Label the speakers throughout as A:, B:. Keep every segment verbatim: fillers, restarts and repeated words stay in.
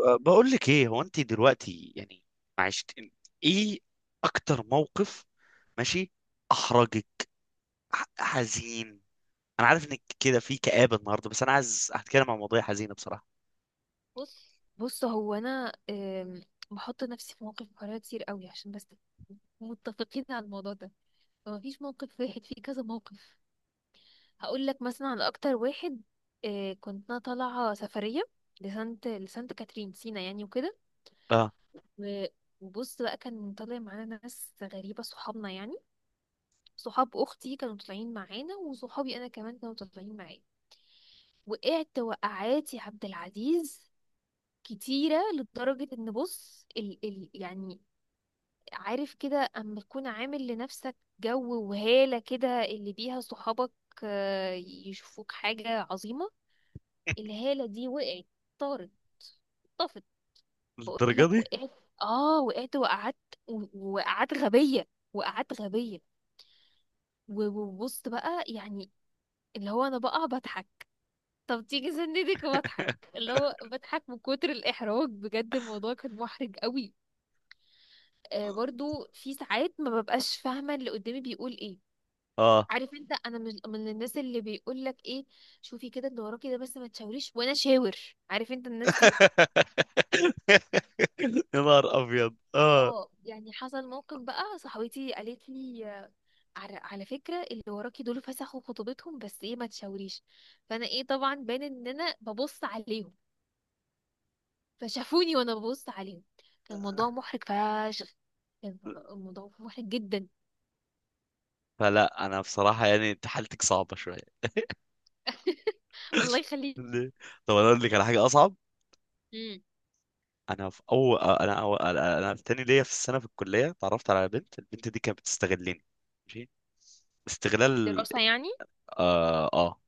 A: أه، بقول لك ايه هو انت دلوقتي يعني. معلش، انت ايه اكتر موقف؟ ماشي. احرجك ح- حزين. انا عارف انك كده في كآبة النهارده، بس انا عايز هتكلم عن مواضيع حزينة بصراحة.
B: بص بص، هو انا آم، بحط نفسي في مواقف محرجه كتير قوي، عشان بس متفقين على الموضوع ده. فما فيش موقف واحد، في كذا موقف. هقول لك مثلا على اكتر واحد. آه، كنت انا طالعه سفريه لسانت لسانت كاترين سينا يعني وكده.
A: اه،
B: و- وبص بقى، كان طالع معانا ناس غريبه، صحابنا يعني. صحاب اختي كانوا طالعين معانا، وصحابي انا كمان كانوا طالعين معايا. وقعت وقعات يا عبد العزيز كتيرة، لدرجة ان بص ال ال يعني، عارف كده، اما تكون عامل لنفسك جو وهالة كده اللي بيها صحابك آه، يشوفوك حاجة عظيمة. الهالة دي وقعت، طارت، طفت. بقول
A: للدرجة
B: لك
A: دي؟
B: وقعت، اه وقعت وقعدت وقعدت غبية، وقعدت غبية. و- وبص بقى يعني، اللي هو انا بقى بضحك. طب تيجي سندك وبضحك، اللي هو بضحك من كتر الإحراج. بجد الموضوع كان محرج قوي. آه برضو في ساعات ما ببقاش فاهمة اللي قدامي بيقول ايه.
A: اه.
B: عارف انت، انا مش من الناس اللي بيقول لك ايه، شوفي كده اللي وراكي ده، بس ما تشاوريش، وانا شاور. عارف انت الناس دي.
A: يا نهار ابيض. اه،
B: اه يعني حصل موقف بقى، صاحبتي قالت لي آه، على على فكره، اللي وراكي دول فسخوا خطوبتهم، بس ايه ما تشاوريش. فانا ايه، طبعا باين ان انا ببص عليهم، فشافوني وانا ببص عليهم. كان الموضوع محرج فشخ. كان الموضوع محرج جدا.
A: فلا انا بصراحة يعني انت حالتك صعبة شوية.
B: الله يخليك.
A: ليه؟ طب انا اقول لك على حاجة اصعب.
B: مم.
A: انا في اول انا أو... انا أنا في تاني ليا في السنه في الكليه اتعرفت على بنت. البنت دي كانت بتستغلني. ماشي. استغلال.
B: دراسه يعني.
A: اه، آه.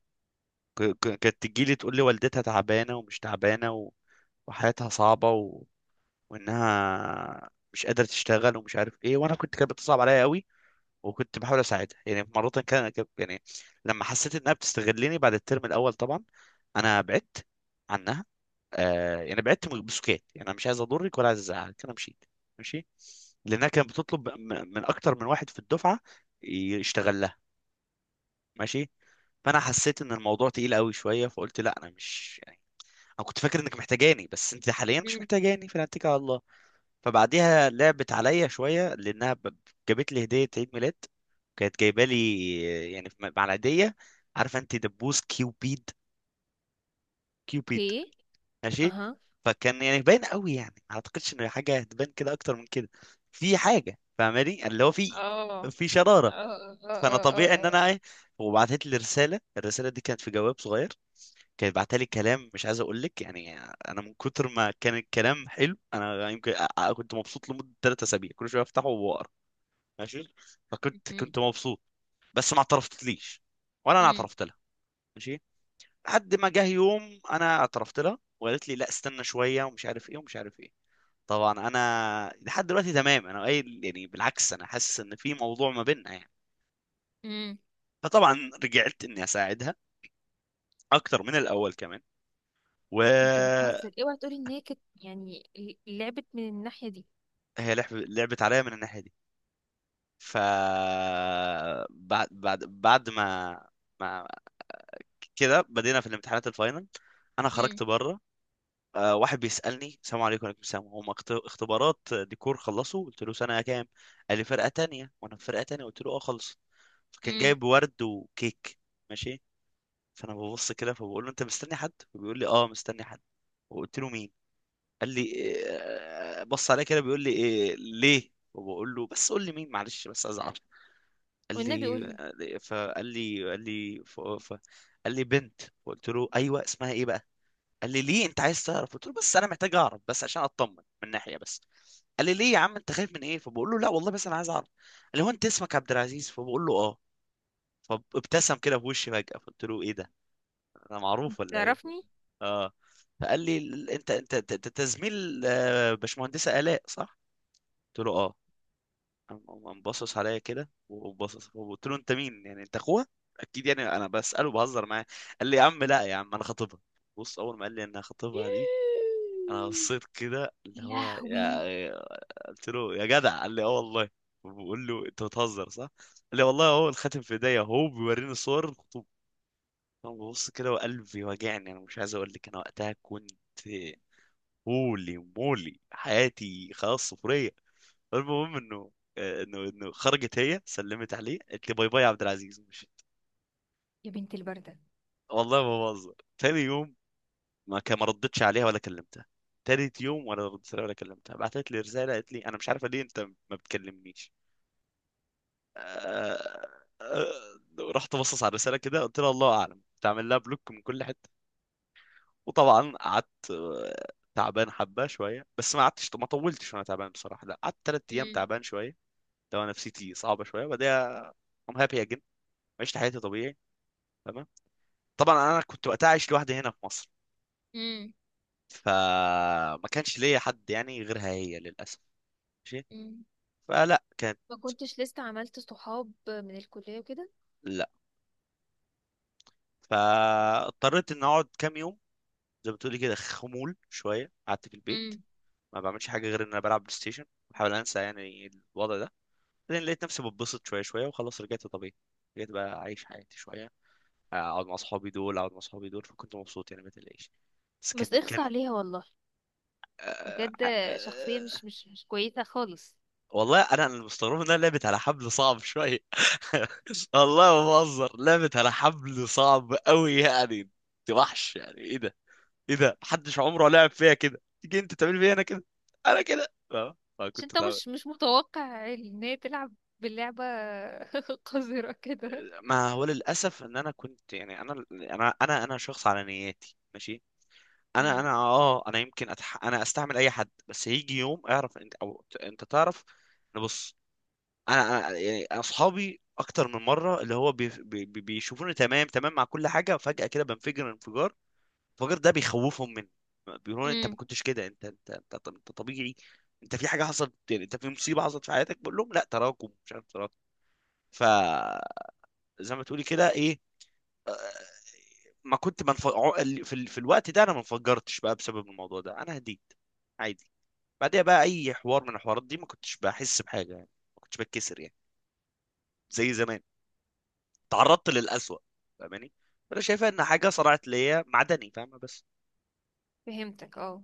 A: ك... ك- كانت تجي لي تقول لي والدتها تعبانه ومش تعبانه و... وحياتها صعبه و... وانها مش قادره تشتغل ومش عارف ايه، وانا كنت كانت بتصعب عليا قوي، وكنت بحاول اساعدها. يعني مره كان كان- يعني لما حسيت انها بتستغلني، بعد الترم الاول طبعا انا بعدت عنها. آه، يعني بعدت بسكات. يعني انا مش عايز اضرك ولا عايز ازعلك، انا مشيت. ماشي. لانها كانت بتطلب م- من اكتر من واحد في الدفعه يشتغل لها. ماشي. فانا حسيت ان الموضوع تقيل قوي شويه، فقلت لا، انا مش يعني، انا كنت فاكر انك محتاجاني، بس انت حاليا مش
B: مم.
A: محتاجاني، فانا هتكل على الله. فبعديها لعبت عليا شويه، لانها ب- جابت لي هديه عيد ميلاد. كانت جايبه لي يعني مع العيديه، عارفه انت، دبوس كيوبيد. كيوبيد.
B: اوكي.
A: ماشي.
B: اها.
A: فكان يعني باين قوي، يعني ما اعتقدش ان حاجه هتبان كده اكتر من كده. في حاجه فاهماني اللي هو في،
B: اه
A: في شراره.
B: اه
A: فانا
B: اه اه
A: طبيعي ان
B: اه
A: انا ايه. وبعتت لي رساله، الرساله دي كانت في جواب صغير، كانت بعتها لي كلام مش عايز اقول لك يعني، انا من كتر ما كان الكلام حلو انا يمكن أ- أ- كنت مبسوط لمده ثلاثة أسابيع اسابيع، كل شويه افتحه واقرا. ماشي. فكنت
B: مهم.
A: كنت مبسوط، بس ما اعترفتليش ولا انا
B: مم.
A: اعترفت لها. ماشي. لحد ما جه يوم انا اعترفت لها، وقالت لي لا استنى شويه ومش عارف ايه ومش عارف ايه. طبعا انا لحد دلوقتي تمام، انا قايل يعني بالعكس، انا حاسس ان في موضوع ما بيننا يعني.
B: مم.
A: فطبعا رجعت اني اساعدها اكتر من الاول كمان،
B: انت
A: وهي
B: بتهزر؟ اوعى تقولي ان هي كانت يعني ل- لعبت من الناحية دي.
A: لعب- لعبت عليا من الناحيه دي. ف بعد بعد بعد ما ما كده بدينا في الامتحانات الفاينل. انا
B: مم.
A: خرجت بره، آه، واحد بيسالني السلام عليكم، وعليكم السلام، هم اخت- اختبارات ديكور خلصوا؟ قلت له سنه كام؟ قال لي فرقه تانية. وانا في فرقه تانية، قلت له اه خلص. فكان
B: مم.
A: جايب ورد وكيك. ماشي. فانا ببص كده، فبقول له انت مستني حد؟ فبيقول لي اه مستني حد. وقلت له مين؟ قال لي إيه، بص عليا كده بيقول لي إيه ليه، وبقول له بس قول لي مين، معلش بس ازعل. قال
B: والنبي قولي.
A: لي فقال لي قال لي ف... ف... قال لي بنت. قلت له ايوه اسمها ايه بقى؟ قال لي ليه انت عايز تعرف؟ قلت له بس انا محتاج اعرف بس عشان اطمن من ناحيه بس. قال لي ليه يا عم انت خايف من ايه؟ فبقول له لا والله بس انا عايز اعرف. قال لي هو انت اسمك عبد العزيز؟ فبقول له اه. فابتسم كده في وشي فجأة، فقلت له ايه ده، انا معروف ولا ايه؟
B: تعرفني؟
A: اه. فقال لي ال- انت انت انت أنت زميل، آه، باشمهندسه الاء صح؟ قلت له اه. قام قام باصص عليا كده وباصص، وقلت له انت مين يعني، انت اخوها اكيد؟ يعني انا بساله بهزر معاه. قال لي يا عم لا يا عم انا خطيبها. بص، اول ما قال لي ان خطيبها دي، انا بصيت كده اللي هو
B: لهوي.
A: يا. قلت له يا جدع، قال لي اه والله. بقول له انت بتهزر صح؟ قال لي والله اهو الخاتم في ايديا، اهو بيوريني صور. انا ببص كده وقلبي واجعني. انا مش عايز اقول لك انا وقتها كنت هولي مولي، حياتي خلاص صفريه. المهم انه آه، انه انه خرجت هي، سلمت عليه، قالت لي باي باي يا عبد العزيز، مشيت.
B: يا بنت البردة.
A: والله ما بهزر. تاني يوم ما كان ما ردتش عليها ولا كلمتها. تالت يوم ولا ردت عليها ولا كلمتها. بعتت لي رساله، قالت لي انا مش عارفه ليه انت ما بتكلمنيش. آه، آه، آه، رحت بصص على الرساله كده، قلت لها الله اعلم، تعمل لها بلوك من كل حته. وطبعا قعدت آه، تعبان حبه شويه، بس ما قعدتش ما طولتش وانا تعبان بصراحه. لا، قعدت ثلاث ايام
B: مم.
A: تعبان شويه. لو أنا نفسيتي صعبه شويه بعدها. ام هابي اجن. عشت حياتي طبيعي. تمام. طبعا انا كنت وقتها عايش لوحدي هنا في مصر،
B: مم.
A: فما كانش ليا حد يعني غيرها هي، للاسف. ماشي.
B: مم.
A: فلا كانت.
B: ما كنتش لسه عملت صحاب من الكلية وكده.
A: لا، فاضطريت ان اقعد كام يوم زي ما بتقولي كده، خمول شويه، قعدت في البيت
B: مم.
A: ما بعملش حاجه غير ان انا بلعب بلاي ستيشن، بحاول انسى يعني الوضع ده. بعدين لقيت نفسي بتبسط شويه شويه، وخلاص رجعت طبيعي. رجعت بقى اعيش حياتي شويه، اقعد مع اصحابي دول، اقعد مع اصحابي دول، فكنت مبسوط يعني ما تقلقش. بس
B: بس
A: كان
B: اخص
A: كان
B: عليها والله.
A: آه...
B: بجد. شخصية
A: آه...
B: مش مش مش كويسة خالص.
A: والله انا اللي مستغرب انها لعبت على حبل صعب شويه. والله ما بهزر، لعبت على حبل صعب قوي يعني. انت وحش، يعني ايه ده؟ ايه ده، محدش عمره لعب فيها كده، تيجي انت تعمل فيها انا كده، انا كده اه، ما
B: عشان
A: كنت
B: انت
A: تعمل.
B: مش مش متوقع ان هي تلعب باللعبة قذرة كده.
A: ما هو للاسف ان انا كنت يعني، انا انا انا انا شخص على نياتي، ماشي. انا
B: امم
A: انا اه انا يمكن أتح... انا استعمل اي حد، بس هيجي يوم اعرف انت او ت- انت تعرف ان بص. انا انا يعني اصحابي اكتر من مره اللي هو بي... بي... بي- بيشوفوني تمام تمام مع كل حاجه، فجاه كده بنفجر انفجار. الانفجار ده بيخوفهم مني، بيقولوا لي انت ما
B: امم
A: كنتش كده، انت انت انت, طب- انت طبيعي، انت في حاجه حصلت، يعني انت في مصيبه حصلت في حياتك. بقول لهم لا، تراكم، مش عارف، تراكم. فزي ما تقولي كده، ايه، ما كنت منف... عو- ال- في, ال... في الوقت ده انا ما انفجرتش بقى، بسبب الموضوع ده انا هديت. عادي. بعدها بقى اي حوار من الحوارات دي ما كنتش بحس بحاجه يعني، ما كنتش بتكسر يعني زي زمان، تعرضت للأسوأ، فاهماني. فانا شايفها ان حاجه صرعت ليا معدني، فاهمه، بس.
B: فهمتك اه.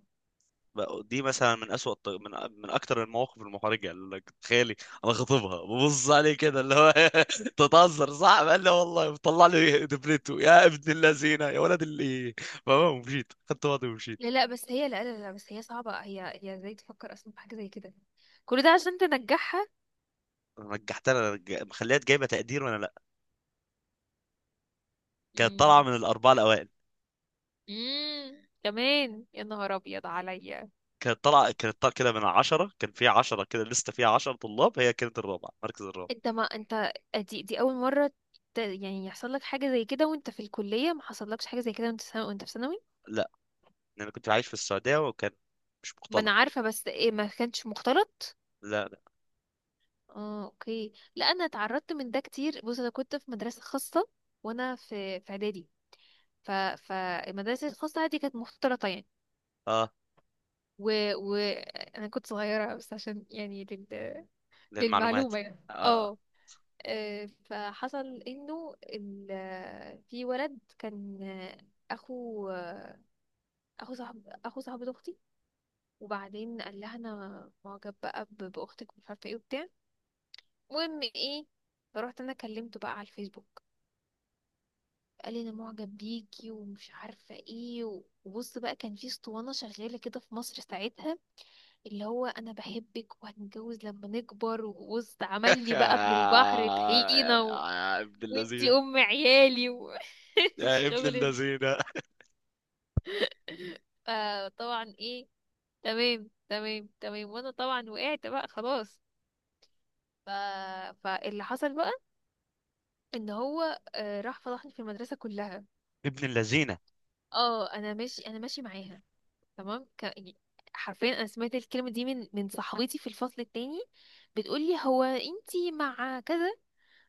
A: بقى- دي مثلا من أسوأ الط- من من اكتر المواقف المحرجه يعني، اللي لك تخيلي انا خاطبها ببص عليه كده اللي هو، تتهزر صح، قال لي والله، طلع لي دبلته، يا ابن اللذينه، يا ولد اللي، فاهمه، ومشيت خدت وضعي ومشيت.
B: لا لا، بس هي، لا لا لا، بس هي صعبة. هي هي ازاي تفكر اصلا في حاجة زي كده؟ كل ده عشان تنجحها.
A: رجعت انا رج... مخليها جايبه تقدير وانا لا، كانت طالعه
B: امم
A: من الاربعه الاوائل.
B: امم كمان؟ يا نهار ابيض عليا.
A: كانت طالعه كانت طالعه كده من عشرة، كان فيها عشرة كده لسه، فيها عشرة طلاب، هي كانت الرابعة، مركز الرابع.
B: انت، ما انت دي دي اول مرة ت- يعني يحصل لك حاجة زي كده؟ وانت في الكلية ما حصلكش حاجة زي كده، وانت سنة، وانت في ثانوي؟
A: لا، لأن كنت عايش في السعودية، وكان مش
B: ما انا
A: مختلط.
B: عارفة، بس ايه، ما كانش مختلط.
A: لا لا.
B: اه، اوكي. لا انا اتعرضت من ده كتير. بص، انا كنت في مدرسه خاصه، وانا في في اعدادي. ف فالمدرسه الخاصه دي كانت مختلطه يعني.
A: اه،
B: و... و انا كنت صغيره، بس عشان يعني لل...
A: للمعلومات.
B: للمعلومه يعني
A: اه.
B: اه. آه، فحصل انه ال... في ولد كان آه، اخو آه، اخو صاحب اخو صاحبة اختي. وبعدين قال لها انا معجب بقى ب- باختك، ومش عارفه ايه وبتاع. المهم ايه، فرحت انا كلمته بقى على الفيسبوك. قال لي انا معجب بيكي ومش عارفه ايه. و- وبص بقى، كان في اسطوانه شغاله كده في مصر ساعتها، اللي هو: انا بحبك وهنتجوز لما نكبر. وبص عمل لي بقى من البحر طحينه، و...
A: يا ابن
B: وانتي
A: اللذينة.
B: ام عيالي، و...
A: يا ابن
B: الشغل ده.
A: اللذينة.
B: فطبعا ايه، تمام تمام تمام، وانا طبعا وقعت بقى خلاص. ف... فاللي حصل بقى ان هو آه، راح فضحني في المدرسه كلها.
A: ابن اللذينة.
B: اه، انا ماشي، انا ماشي معاها تمام. ك... حرفيا انا سمعت الكلمه دي من من صاحبتي في الفصل التاني، بتقولي: هو انتي مع كذا؟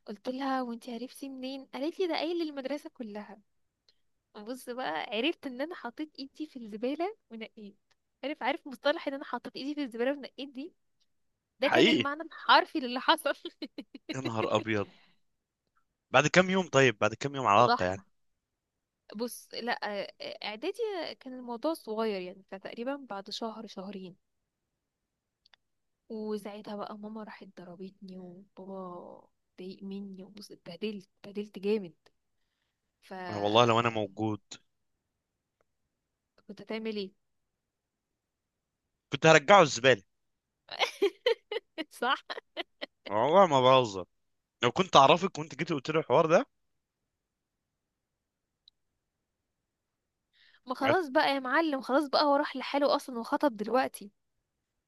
B: قلت لها: وانتي عرفتي منين؟ قالت لي ده قايل للمدرسه كلها. بص بقى، عرفت ان انا حطيت ايدي في الزباله ونقيت. عارف عارف مصطلح ان انا حطيت ايدي في الزباله ونقيت دي. ده كان
A: حقيقي،
B: المعنى الحرفي للي حصل.
A: يا نهار أبيض. بعد كم يوم؟ طيب بعد كم يوم علاقة يعني؟
B: فضحني. بص لا، اعدادي، كان الموضوع صغير يعني. فتقريبا بعد شهر شهرين، وساعتها بقى ماما راحت ضربتني، وبابا ضايق مني، وبص اتبهدلت، اتبهدلت جامد. ف
A: أنا والله لو أنا موجود،
B: كنت هتعمل ايه؟
A: كنت هرجعه الزبالة.
B: صح.
A: والله ما بهزر، لو كنت أعرفك وأنت جيت قلت لي الحوار ده.
B: ما خلاص بقى يا معلم، خلاص بقى هو راح لحاله اصلا وخطب دلوقتي.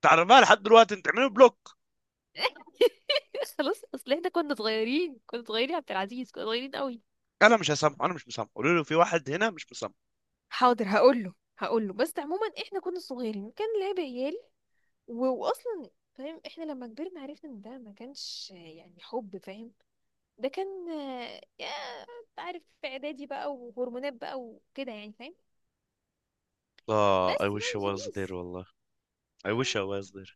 A: تعرفها لحد دلوقتي؟ أنت تعمله بلوك.
B: خلاص، اصل احنا كنا صغيرين، كنا صغيرين يا عبد العزيز، كنا صغيرين قوي.
A: انا مش هسامحه، انا مش مسامحه، قولوا له في واحد هنا مش مسامحه.
B: حاضر هقول له هقول له بس عموما احنا كنا صغيرين، كان لعب عيال. و- واصلا فاهم، احنا لما كبرنا عرفنا ان ده ما كانش يعني حب، فاهم. ده كان آه، يا، انت عارف، في اعدادي بقى، وهرمونات بقى وكده يعني، فاهم.
A: اه I
B: بس
A: wish I
B: يعني
A: was there،
B: شبيس.
A: والله I
B: اه،
A: wish I was there.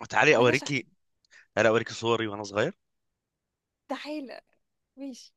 A: وتعالي
B: بلاش أح-
A: اوريكي، انا اوريكي صوري وانا صغير.
B: تعالى. ماشي.